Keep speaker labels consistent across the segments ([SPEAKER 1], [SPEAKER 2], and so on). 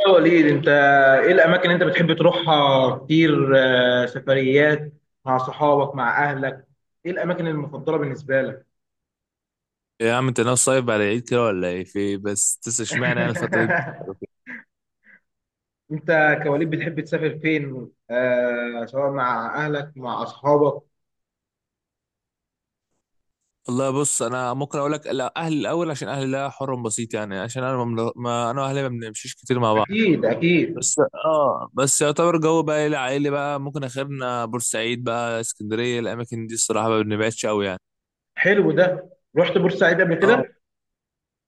[SPEAKER 1] يا وليد انت ايه الاماكن اللي انت بتحب تروحها كتير سفريات مع صحابك مع اهلك؟ ايه الاماكن المفضله بالنسبه لك؟
[SPEAKER 2] يا عم انت ناوي صايب على العيد كده ولا ايه في اشمعنى انا الفتره دي.
[SPEAKER 1] انت كوليد بتحب تسافر فين آه؟ سواء مع اهلك مع اصحابك.
[SPEAKER 2] والله بص انا ممكن اقول لك، لا اهلي الاول عشان اهلي لا حر بسيط يعني عشان انا ما انا واهلي ما بنمشيش كتير مع بعض.
[SPEAKER 1] اكيد، اكيد.
[SPEAKER 2] بس اه بس يعتبر جو بقى ايه العائلي بقى، ممكن اخرنا بورسعيد بقى، اسكندريه، الاماكن دي الصراحه ما بنبعدش قوي يعني.
[SPEAKER 1] حلو ده. رحت بورسعيد قبل
[SPEAKER 2] اه
[SPEAKER 1] كده؟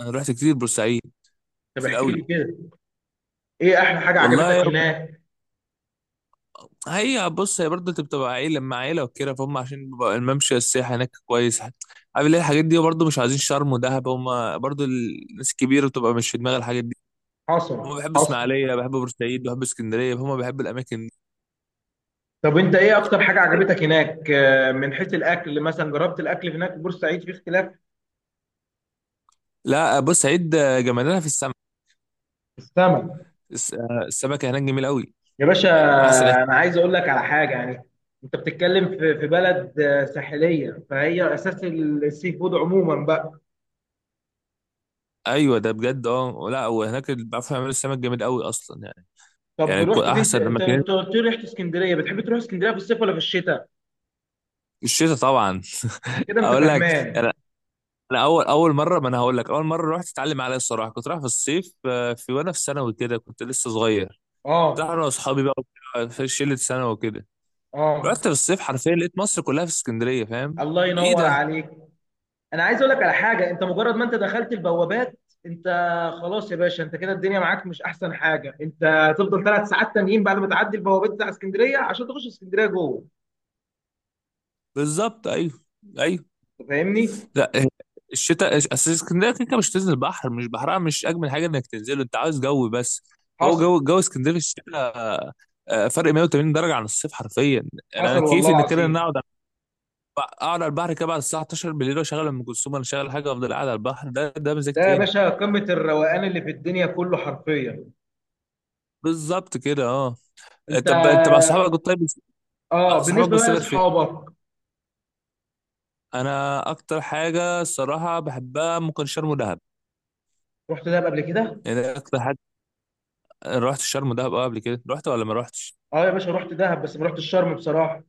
[SPEAKER 2] انا رحت كتير بورسعيد،
[SPEAKER 1] طب
[SPEAKER 2] كتير
[SPEAKER 1] احكي لي
[SPEAKER 2] قوي.
[SPEAKER 1] كده. ايه احلى حاجه
[SPEAKER 2] والله
[SPEAKER 1] عجبتك هناك؟
[SPEAKER 2] هي بص، هي برضه انت بتبقى عيلة مع عيلة وكده فهم، عشان بيبقى الممشى السياحي هناك كويس عارف. ليه الحاجات دي؟ برضه مش عايزين شرم ودهب، هم برضه الناس الكبيرة بتبقى مش في دماغها الحاجات دي.
[SPEAKER 1] حصل،
[SPEAKER 2] هم بيحبوا
[SPEAKER 1] حصل.
[SPEAKER 2] اسماعيلية، بيحبوا بورسعيد، بيحبوا اسكندرية، هم بيحبوا الأماكن دي.
[SPEAKER 1] طب انت ايه اكتر حاجه عجبتك هناك من حيث الاكل مثلا؟ جربت الاكل هناك في بورسعيد، في اختلاف؟
[SPEAKER 2] لا بورسعيد جمالها في السمك.
[SPEAKER 1] السمك
[SPEAKER 2] السمكة هناك جميل قوي،
[SPEAKER 1] يا باشا.
[SPEAKER 2] يعني من أحسن أكل.
[SPEAKER 1] انا عايز اقول لك على حاجه يعني، انت بتتكلم في بلد ساحليه، فهي اساس السي فود عموما بقى.
[SPEAKER 2] أيوة ده بجد. اه لا، وهناك اللي بيعرفوا يعملوا السمك جامد قوي أصلا يعني.
[SPEAKER 1] طب
[SPEAKER 2] يعني
[SPEAKER 1] رحت فين ت-
[SPEAKER 2] أحسن
[SPEAKER 1] انت
[SPEAKER 2] أماكن
[SPEAKER 1] انت قلت لي رحت اسكندريه؟ بتحب تروح اسكندريه في الصيف ولا في الشتاء؟
[SPEAKER 2] الشتاء طبعا
[SPEAKER 1] كده انت
[SPEAKER 2] أقول لك. يعني
[SPEAKER 1] فهمان.
[SPEAKER 2] انا اول مره، ما انا هقول لك اول مره رحت اتعلم عليها الصراحه كنت رايح في الصيف، في وانا في ثانوي كده، كنت لسه صغير. كنت رايح
[SPEAKER 1] اه،
[SPEAKER 2] انا واصحابي بقى وكده، في شله ثانوي وكده. رحت
[SPEAKER 1] اه.
[SPEAKER 2] في الصيف حرفيا لقيت مصر كلها في اسكندريه، فاهم؟
[SPEAKER 1] الله
[SPEAKER 2] ايه
[SPEAKER 1] ينور
[SPEAKER 2] ده؟
[SPEAKER 1] عليك. انا عايز اقول لك على حاجه، انت مجرد ما انت دخلت البوابات، انت خلاص يا باشا، انت كده الدنيا معاك مش احسن حاجه. انت هتفضل 3 ساعات تانيين بعد ما تعدي البوابات بتاع اسكندريه عشان تخش اسكندريه جوه.
[SPEAKER 2] بالظبط، ايوه ايوه.
[SPEAKER 1] انت فاهمني؟
[SPEAKER 2] لا آه، الشتاء، اصل اسكندريه كده كده مش تنزل البحر، مش بحرها مش اجمل حاجه انك تنزله، انت عاوز جو بس. هو
[SPEAKER 1] حصل،
[SPEAKER 2] جو اسكندريه في الشتاء، فرق 180 درجه عن الصيف حرفيا. انا
[SPEAKER 1] حصل والله
[SPEAKER 2] كيفي ان كده ان أنا
[SPEAKER 1] العظيم.
[SPEAKER 2] اقعد على البحر كده بعد الساعه 12 بالليل، واشغل ام كلثوم ولا اشغل حاجه، وافضل قاعد على البحر. ده مزاج
[SPEAKER 1] ده يا
[SPEAKER 2] تاني.
[SPEAKER 1] باشا قمة الروقان اللي في الدنيا كله حرفيا.
[SPEAKER 2] بالظبط كده اه.
[SPEAKER 1] انت
[SPEAKER 2] طب انت مع صحابك طيب، مع
[SPEAKER 1] اه،
[SPEAKER 2] صحابك
[SPEAKER 1] بالنسبة بقى
[SPEAKER 2] بتسافر فين؟
[SPEAKER 1] لاصحابك.
[SPEAKER 2] انا اكتر حاجه الصراحه بحبها ممكن شرم ودهب،
[SPEAKER 1] رحت دهب قبل كده؟
[SPEAKER 2] يعني ده اكتر حاجه. رحت شرم ودهب اه قبل كده، رحت ولا ما رحتش؟
[SPEAKER 1] اه يا باشا، رحت دهب بس ما رحتش شرم بصراحة.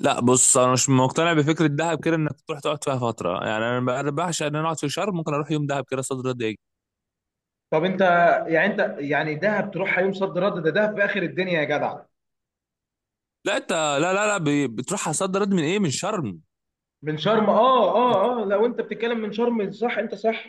[SPEAKER 2] لا بص، انا مش مقتنع بفكره دهب كده انك تروح تقعد فيها فتره، يعني أنا بعشق ان انا اقعد في شرم، ممكن اروح يوم دهب كده صد رد اجي.
[SPEAKER 1] طب انت يعني، انت يعني دهب تروحها يوم صد رد؟ ده دهب في اخر الدنيا يا جدع.
[SPEAKER 2] لا انت، لا لا لا ب- بتروح على صد رد من ايه؟ من شرم.
[SPEAKER 1] من شرم، اه، اه، اه، لو انت بتتكلم من شرم صح، انت صح.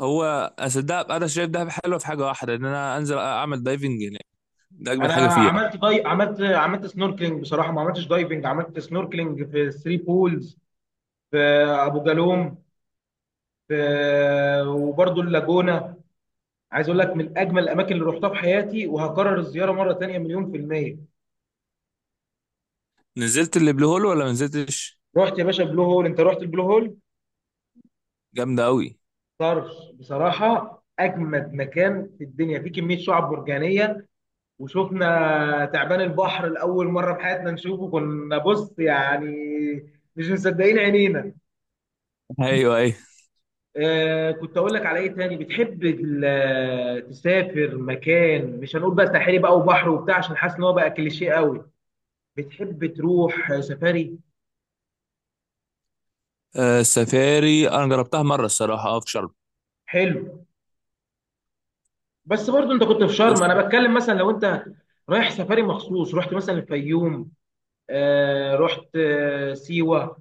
[SPEAKER 2] هو اصل دهب، انا شايف دهب حلوه في حاجه واحده، ان انا انزل اعمل دايفنج هناك، ده اجمل
[SPEAKER 1] انا
[SPEAKER 2] حاجه فيها.
[SPEAKER 1] عملت سنوركلينج بصراحة، ما عملتش دايفنج، عملت سنوركلينج في ثري بولز، في ابو جالوم، في وبرضه اللاجونة. عايز اقول لك من اجمل الاماكن اللي رحتها في حياتي، وهكرر الزياره مره تانية مليون في الميه.
[SPEAKER 2] نزلت اللي بلو هول ولا ما نزلتش؟
[SPEAKER 1] رحت يا باشا بلو هول؟ انت رحت البلو هول؟
[SPEAKER 2] جامده قوي.
[SPEAKER 1] طرش بصراحه، اجمد مكان في الدنيا، في كميه شعاب مرجانيه. وشفنا تعبان البحر لاول مره في حياتنا نشوفه، كنا بص يعني مش مصدقين عينينا.
[SPEAKER 2] ايوه ايوه.
[SPEAKER 1] آه، كنت اقول لك على ايه تاني بتحب تسافر مكان، مش هنقول بقى ساحلي بقى وبحر وبتاع، عشان حاسس ان هو بقى كليشيه قوي. بتحب تروح سفاري؟
[SPEAKER 2] السفاري انا جربتها مره الصراحه اه في شرم.
[SPEAKER 1] حلو. بس برضو انت كنت في شرم،
[SPEAKER 2] بص،
[SPEAKER 1] انا بتكلم مثلا لو انت رايح سفاري مخصوص، رحت مثلا الفيوم، آه رحت آه سيوه.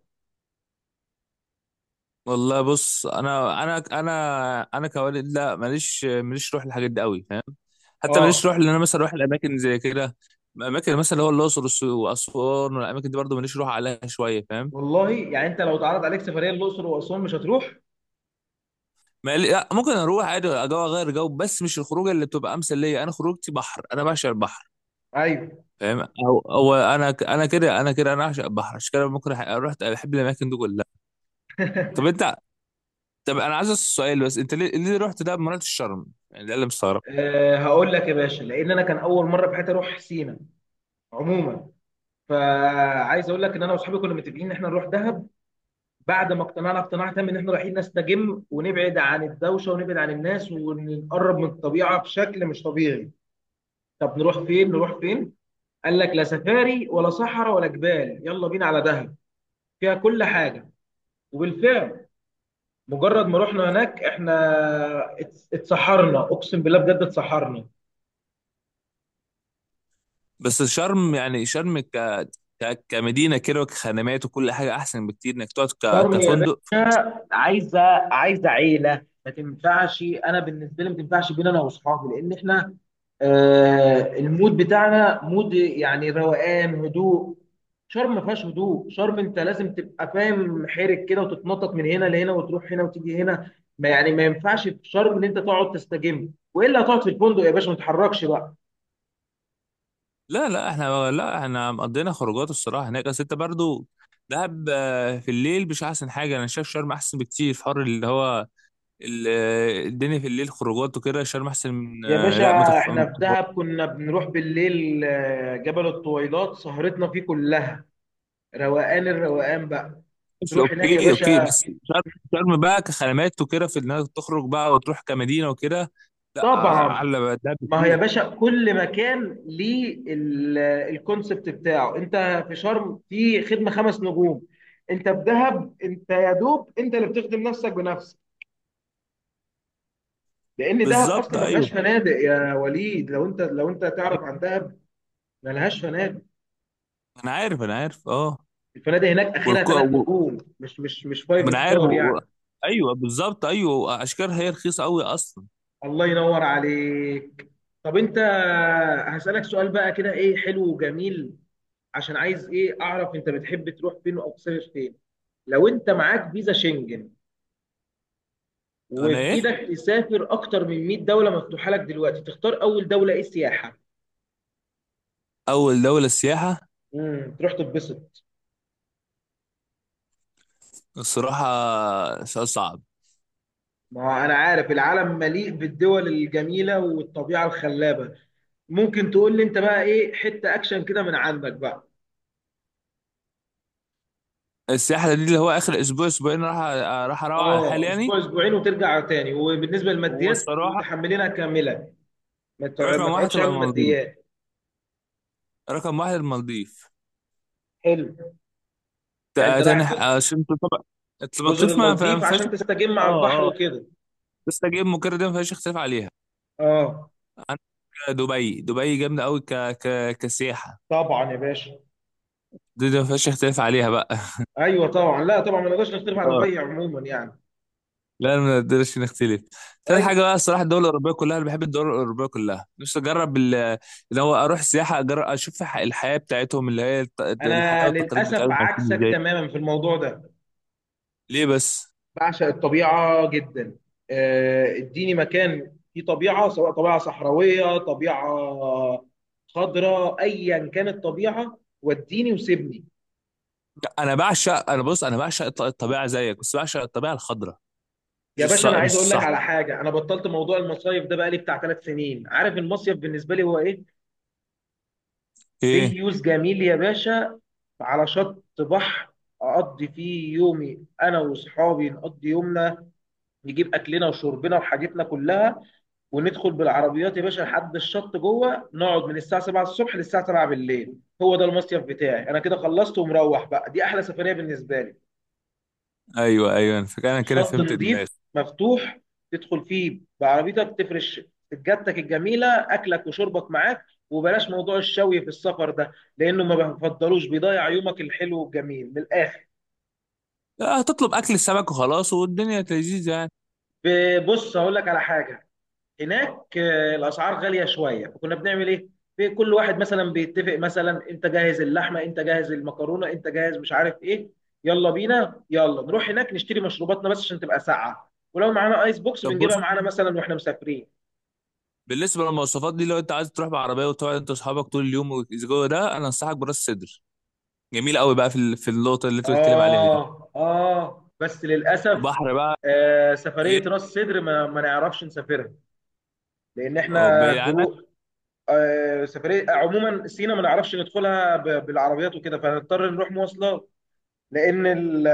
[SPEAKER 2] والله بص انا انا كوالد لا، ماليش روح الحاجات دي قوي، فاهم؟ حتى ماليش
[SPEAKER 1] اه.
[SPEAKER 2] روح ان انا مثلا اروح الاماكن زي كده، اماكن مثلا اللي هو الاقصر واسوان والاماكن دي برضه ماليش روح عليها شويه، فاهم؟
[SPEAKER 1] والله يعني انت لو اتعرض عليك سفريه الاقصر واسوان مش هتروح؟
[SPEAKER 2] ما قال- لا، ممكن اروح عادي جو اغير جو، بس مش الخروجه اللي بتبقى امثل ليا، انا خروجتي بحر، انا بعشق البحر
[SPEAKER 1] ايوه.
[SPEAKER 2] فاهم. او او انا ك- انا كده انا كده انا اعشق البحر، عشان كده ممكن رحت بحب الاماكن دي كلها. طب انت، طب انا عايز اسال سؤال بس، انت ليه رحت ده ما رحتش شرم؟ يعني ده اللي مستغرب.
[SPEAKER 1] آه، هقول لك يا باشا، لان انا كان اول مره في حياتي اروح سينا عموما. فعايز اقول لك ان انا واصحابي كنا متفقين ان احنا نروح دهب، بعد ما اقتنعنا اقتناع تام ان احنا رايحين نستجم ونبعد عن الدوشه ونبعد عن الناس ونقرب من الطبيعه بشكل مش طبيعي. طب نروح فين؟ نروح فين؟ قال لك لا سفاري ولا صحراء ولا جبال. يلا بينا على دهب، فيها كل حاجه. وبالفعل مجرد ما رحنا هناك احنا اتسحرنا، اقسم بالله بجد اتسحرنا.
[SPEAKER 2] بس شرم، يعني شرم كمدينه كده وكخدمات وكل حاجه، احسن بكتير انك تقعد
[SPEAKER 1] شرم يا
[SPEAKER 2] كفندق.
[SPEAKER 1] باشا عايزه عيله ما تنفعش. انا بالنسبه لي ما تنفعش، بين انا واصحابي، لان احنا آه المود بتاعنا مود يعني روقان هدوء. شرم ما فيهاش هدوء. شرم انت لازم تبقى فاهم حيرك كده، وتتنطط من هنا لهنا وتروح هنا وتيجي هنا. ما ينفعش في شرم ان انت تقعد تستجم، والا هتقعد في الفندق يا باشا ما تتحركش بقى.
[SPEAKER 2] لا احنا قضينا خروجات الصراحه هناك، اصل انت برضو دهب، في الليل مش احسن حاجه، انا شايف شرم احسن بكتير في حر اللي هو الدنيا في الليل خروجات وكده، شرم احسن من،
[SPEAKER 1] يا
[SPEAKER 2] لا
[SPEAKER 1] باشا احنا
[SPEAKER 2] ما
[SPEAKER 1] في
[SPEAKER 2] تفهمش.
[SPEAKER 1] دهب كنا بنروح بالليل جبل الطويلات سهرتنا فيه كلها. روقان، الروقان بقى. تروح هناك يا
[SPEAKER 2] اوكي اوكي،
[SPEAKER 1] باشا.
[SPEAKER 2] بس شرم، شرم بقى كخدمات وكده في انك تخرج بقى وتروح كمدينه وكده، لا آه،
[SPEAKER 1] طبعا.
[SPEAKER 2] اعلى بقى دهب
[SPEAKER 1] ما هي يا
[SPEAKER 2] كتير.
[SPEAKER 1] باشا كل مكان ليه الكونسبت بتاعه. انت في شرم في خدمه 5 نجوم، انت في دهب انت يا دوب انت اللي بتخدم نفسك بنفسك، لان دهب
[SPEAKER 2] بالظبط
[SPEAKER 1] اصلا ما
[SPEAKER 2] ايوه،
[SPEAKER 1] فيهاش فنادق يا وليد، لو انت لو انت تعرف عن
[SPEAKER 2] أيوة،
[SPEAKER 1] دهب ما لهاش فنادق.
[SPEAKER 2] انا عارف انا عارف اه.
[SPEAKER 1] الفنادق هناك اخرها
[SPEAKER 2] والكو
[SPEAKER 1] ثلاث
[SPEAKER 2] و-
[SPEAKER 1] نجوم مش
[SPEAKER 2] ومن
[SPEAKER 1] فايف
[SPEAKER 2] عارف و-
[SPEAKER 1] ستار
[SPEAKER 2] و-
[SPEAKER 1] يعني.
[SPEAKER 2] ايوه بالظبط ايوه اشكال، هي رخيصه قوي اصلا.
[SPEAKER 1] الله ينور عليك. طب انت هسألك سؤال بقى كده، ايه حلو وجميل، عشان عايز ايه اعرف انت بتحب تروح فين او تسافر فين. لو انت معاك فيزا شنجن
[SPEAKER 2] ولا
[SPEAKER 1] وفي
[SPEAKER 2] ايه؟
[SPEAKER 1] ايدك تسافر اكتر من 100 دوله مفتوحه لك دلوقتي، تختار اول دوله ايه سياحه؟
[SPEAKER 2] اول دوله سياحه؟
[SPEAKER 1] تروح تتبسط.
[SPEAKER 2] الصراحه سؤال صعب.
[SPEAKER 1] ما هو انا عارف العالم مليء بالدول الجميله والطبيعه الخلابه، ممكن تقول لي انت بقى ايه حته اكشن كده من عندك بقى.
[SPEAKER 2] السياحه دي اللي هو اخر اسبوع اسبوعين، راح اروح على حالي
[SPEAKER 1] اه،
[SPEAKER 2] يعني.
[SPEAKER 1] اسبوع اسبوعين وترجع تاني، وبالنسبه للماديات
[SPEAKER 2] والصراحه
[SPEAKER 1] متحملينها كامله، ما
[SPEAKER 2] رقم واحد
[SPEAKER 1] تقعدش
[SPEAKER 2] تبقى
[SPEAKER 1] هم
[SPEAKER 2] المالديف،
[SPEAKER 1] ماديات.
[SPEAKER 2] رقم واحد المالديف.
[SPEAKER 1] حلو. يعني انت رايح
[SPEAKER 2] عشان طبعا
[SPEAKER 1] جزر
[SPEAKER 2] المالديف ما
[SPEAKER 1] المالديف
[SPEAKER 2] فيهاش
[SPEAKER 1] عشان تستجم على البحر
[SPEAKER 2] اه اه،
[SPEAKER 1] وكده.
[SPEAKER 2] بس اجيب مكرر دي ما فيهاش اختلاف عليها.
[SPEAKER 1] اه
[SPEAKER 2] عندك دبي، دبي جامده قوي كسياحه،
[SPEAKER 1] طبعا يا باشا.
[SPEAKER 2] دي دي ما فيهاش اختلاف عليها بقى.
[SPEAKER 1] ايوه طبعا، لا طبعا ما نقدرش نختلف على دبي عموما يعني.
[SPEAKER 2] لا ما نقدرش نختلف. تالت
[SPEAKER 1] ايوه.
[SPEAKER 2] حاجه بقى الصراحه الدول الاوروبيه كلها، انا بحب الدول الاوروبيه كلها، نفسي اجرب اللي هو اروح سياحه، اجرب اشوف الحياه بتاعتهم، اللي هي الحياه
[SPEAKER 1] انا
[SPEAKER 2] والتقاليد
[SPEAKER 1] للاسف
[SPEAKER 2] بتاعتهم عايشين
[SPEAKER 1] عكسك
[SPEAKER 2] ازاي.
[SPEAKER 1] تماما في الموضوع ده.
[SPEAKER 2] ليه بس؟
[SPEAKER 1] بعشق الطبيعه جدا. اديني مكان فيه طبيعه، سواء طبيعه صحراويه طبيعه خضراء، ايا كانت الطبيعه وديني وسيبني.
[SPEAKER 2] انا بعشق، انا بص انا بعشق الطبيعه زيك، بس بعشق الطبيعه الخضراء مش
[SPEAKER 1] يا باشا انا
[SPEAKER 2] مش
[SPEAKER 1] عايز اقول لك
[SPEAKER 2] الصح.
[SPEAKER 1] على حاجه، انا بطلت موضوع المصايف ده بقالي بتاع 3 سنين. عارف المصيف بالنسبه لي هو ايه؟
[SPEAKER 2] ايه؟
[SPEAKER 1] ديوز جميل يا باشا، على شط بحر، اقضي فيه يومي، انا واصحابي نقضي يومنا، نجيب اكلنا وشربنا وحاجتنا كلها، وندخل بالعربيات يا باشا لحد الشط جوه، نقعد من الساعه 7 الصبح للساعه 7 بالليل. هو ده المصيف بتاعي، انا كده خلصت ومروح بقى، دي احلى سفريه بالنسبه لي.
[SPEAKER 2] ايوه ايوه، انا فاكر انا كده
[SPEAKER 1] شط
[SPEAKER 2] فهمت دماغي.
[SPEAKER 1] نظيف مفتوح، تدخل فيه بعربيتك، تفرش سجادتك الجميله، اكلك وشربك معاك، وبلاش موضوع الشوي في السفر ده، لانه ما بفضلوش، بيضيع يومك الحلو والجميل من الاخر.
[SPEAKER 2] هتطلب اكل السمك وخلاص والدنيا لذيذه يعني.
[SPEAKER 1] بص هقول لك على حاجه، هناك الاسعار غاليه شويه، فكنا بنعمل ايه، في كل واحد مثلا بيتفق، مثلا انت جاهز اللحمه، انت جاهز المكرونه، انت جاهز مش عارف ايه، يلا بينا يلا نروح هناك نشتري مشروباتنا بس عشان تبقى ساقعه، ولو معانا ايس بوكس
[SPEAKER 2] طب
[SPEAKER 1] بنجيبها
[SPEAKER 2] بص،
[SPEAKER 1] معانا مثلا واحنا مسافرين.
[SPEAKER 2] بالنسبه للمواصفات دي، لو انت عايز تروح بعربيه وتقعد انت واصحابك طول اليوم والجو ده، انا انصحك براس سدر، جميل قوي بقى في في النقطه اللي انت بتتكلم عليها دي،
[SPEAKER 1] آه، آه، بس للأسف،
[SPEAKER 2] بحر بقى. ايه؟
[SPEAKER 1] سفرية راس سدر ما نعرفش نسافرها، لأن
[SPEAKER 2] اه
[SPEAKER 1] إحنا
[SPEAKER 2] بعيد عنك.
[SPEAKER 1] جروب. سفرية عموما سينا ما نعرفش ندخلها بالعربيات وكده، فهنضطر نروح مواصلات. لأن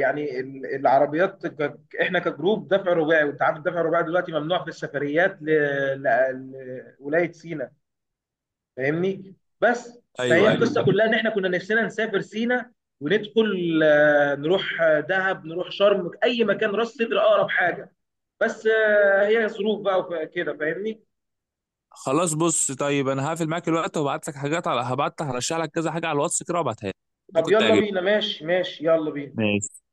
[SPEAKER 1] يعني العربيات إحنا كجروب دفع رباعي، وأنت عارف الدفع الرباعي دلوقتي ممنوع في السفريات لولاية سينا، فاهمني؟ بس فهي
[SPEAKER 2] ايوه ايوه.
[SPEAKER 1] القصه كلها ان احنا كنا نفسنا نسافر سينا، وندخل نروح دهب، نروح شرم، اي مكان، راس سدر اقرب حاجه، بس هي ظروف بقى وكده فاهمني.
[SPEAKER 2] خلاص بص، طيب انا هقفل معاك الوقت وابعت لك حاجات على، هبعت لك، هرشح لك كذا حاجه على الواتس كده وابعتها لك،
[SPEAKER 1] طب
[SPEAKER 2] ممكن
[SPEAKER 1] يلا
[SPEAKER 2] تعجبك.
[SPEAKER 1] بينا، ماشي، ماشي، يلا بينا.
[SPEAKER 2] ماشي.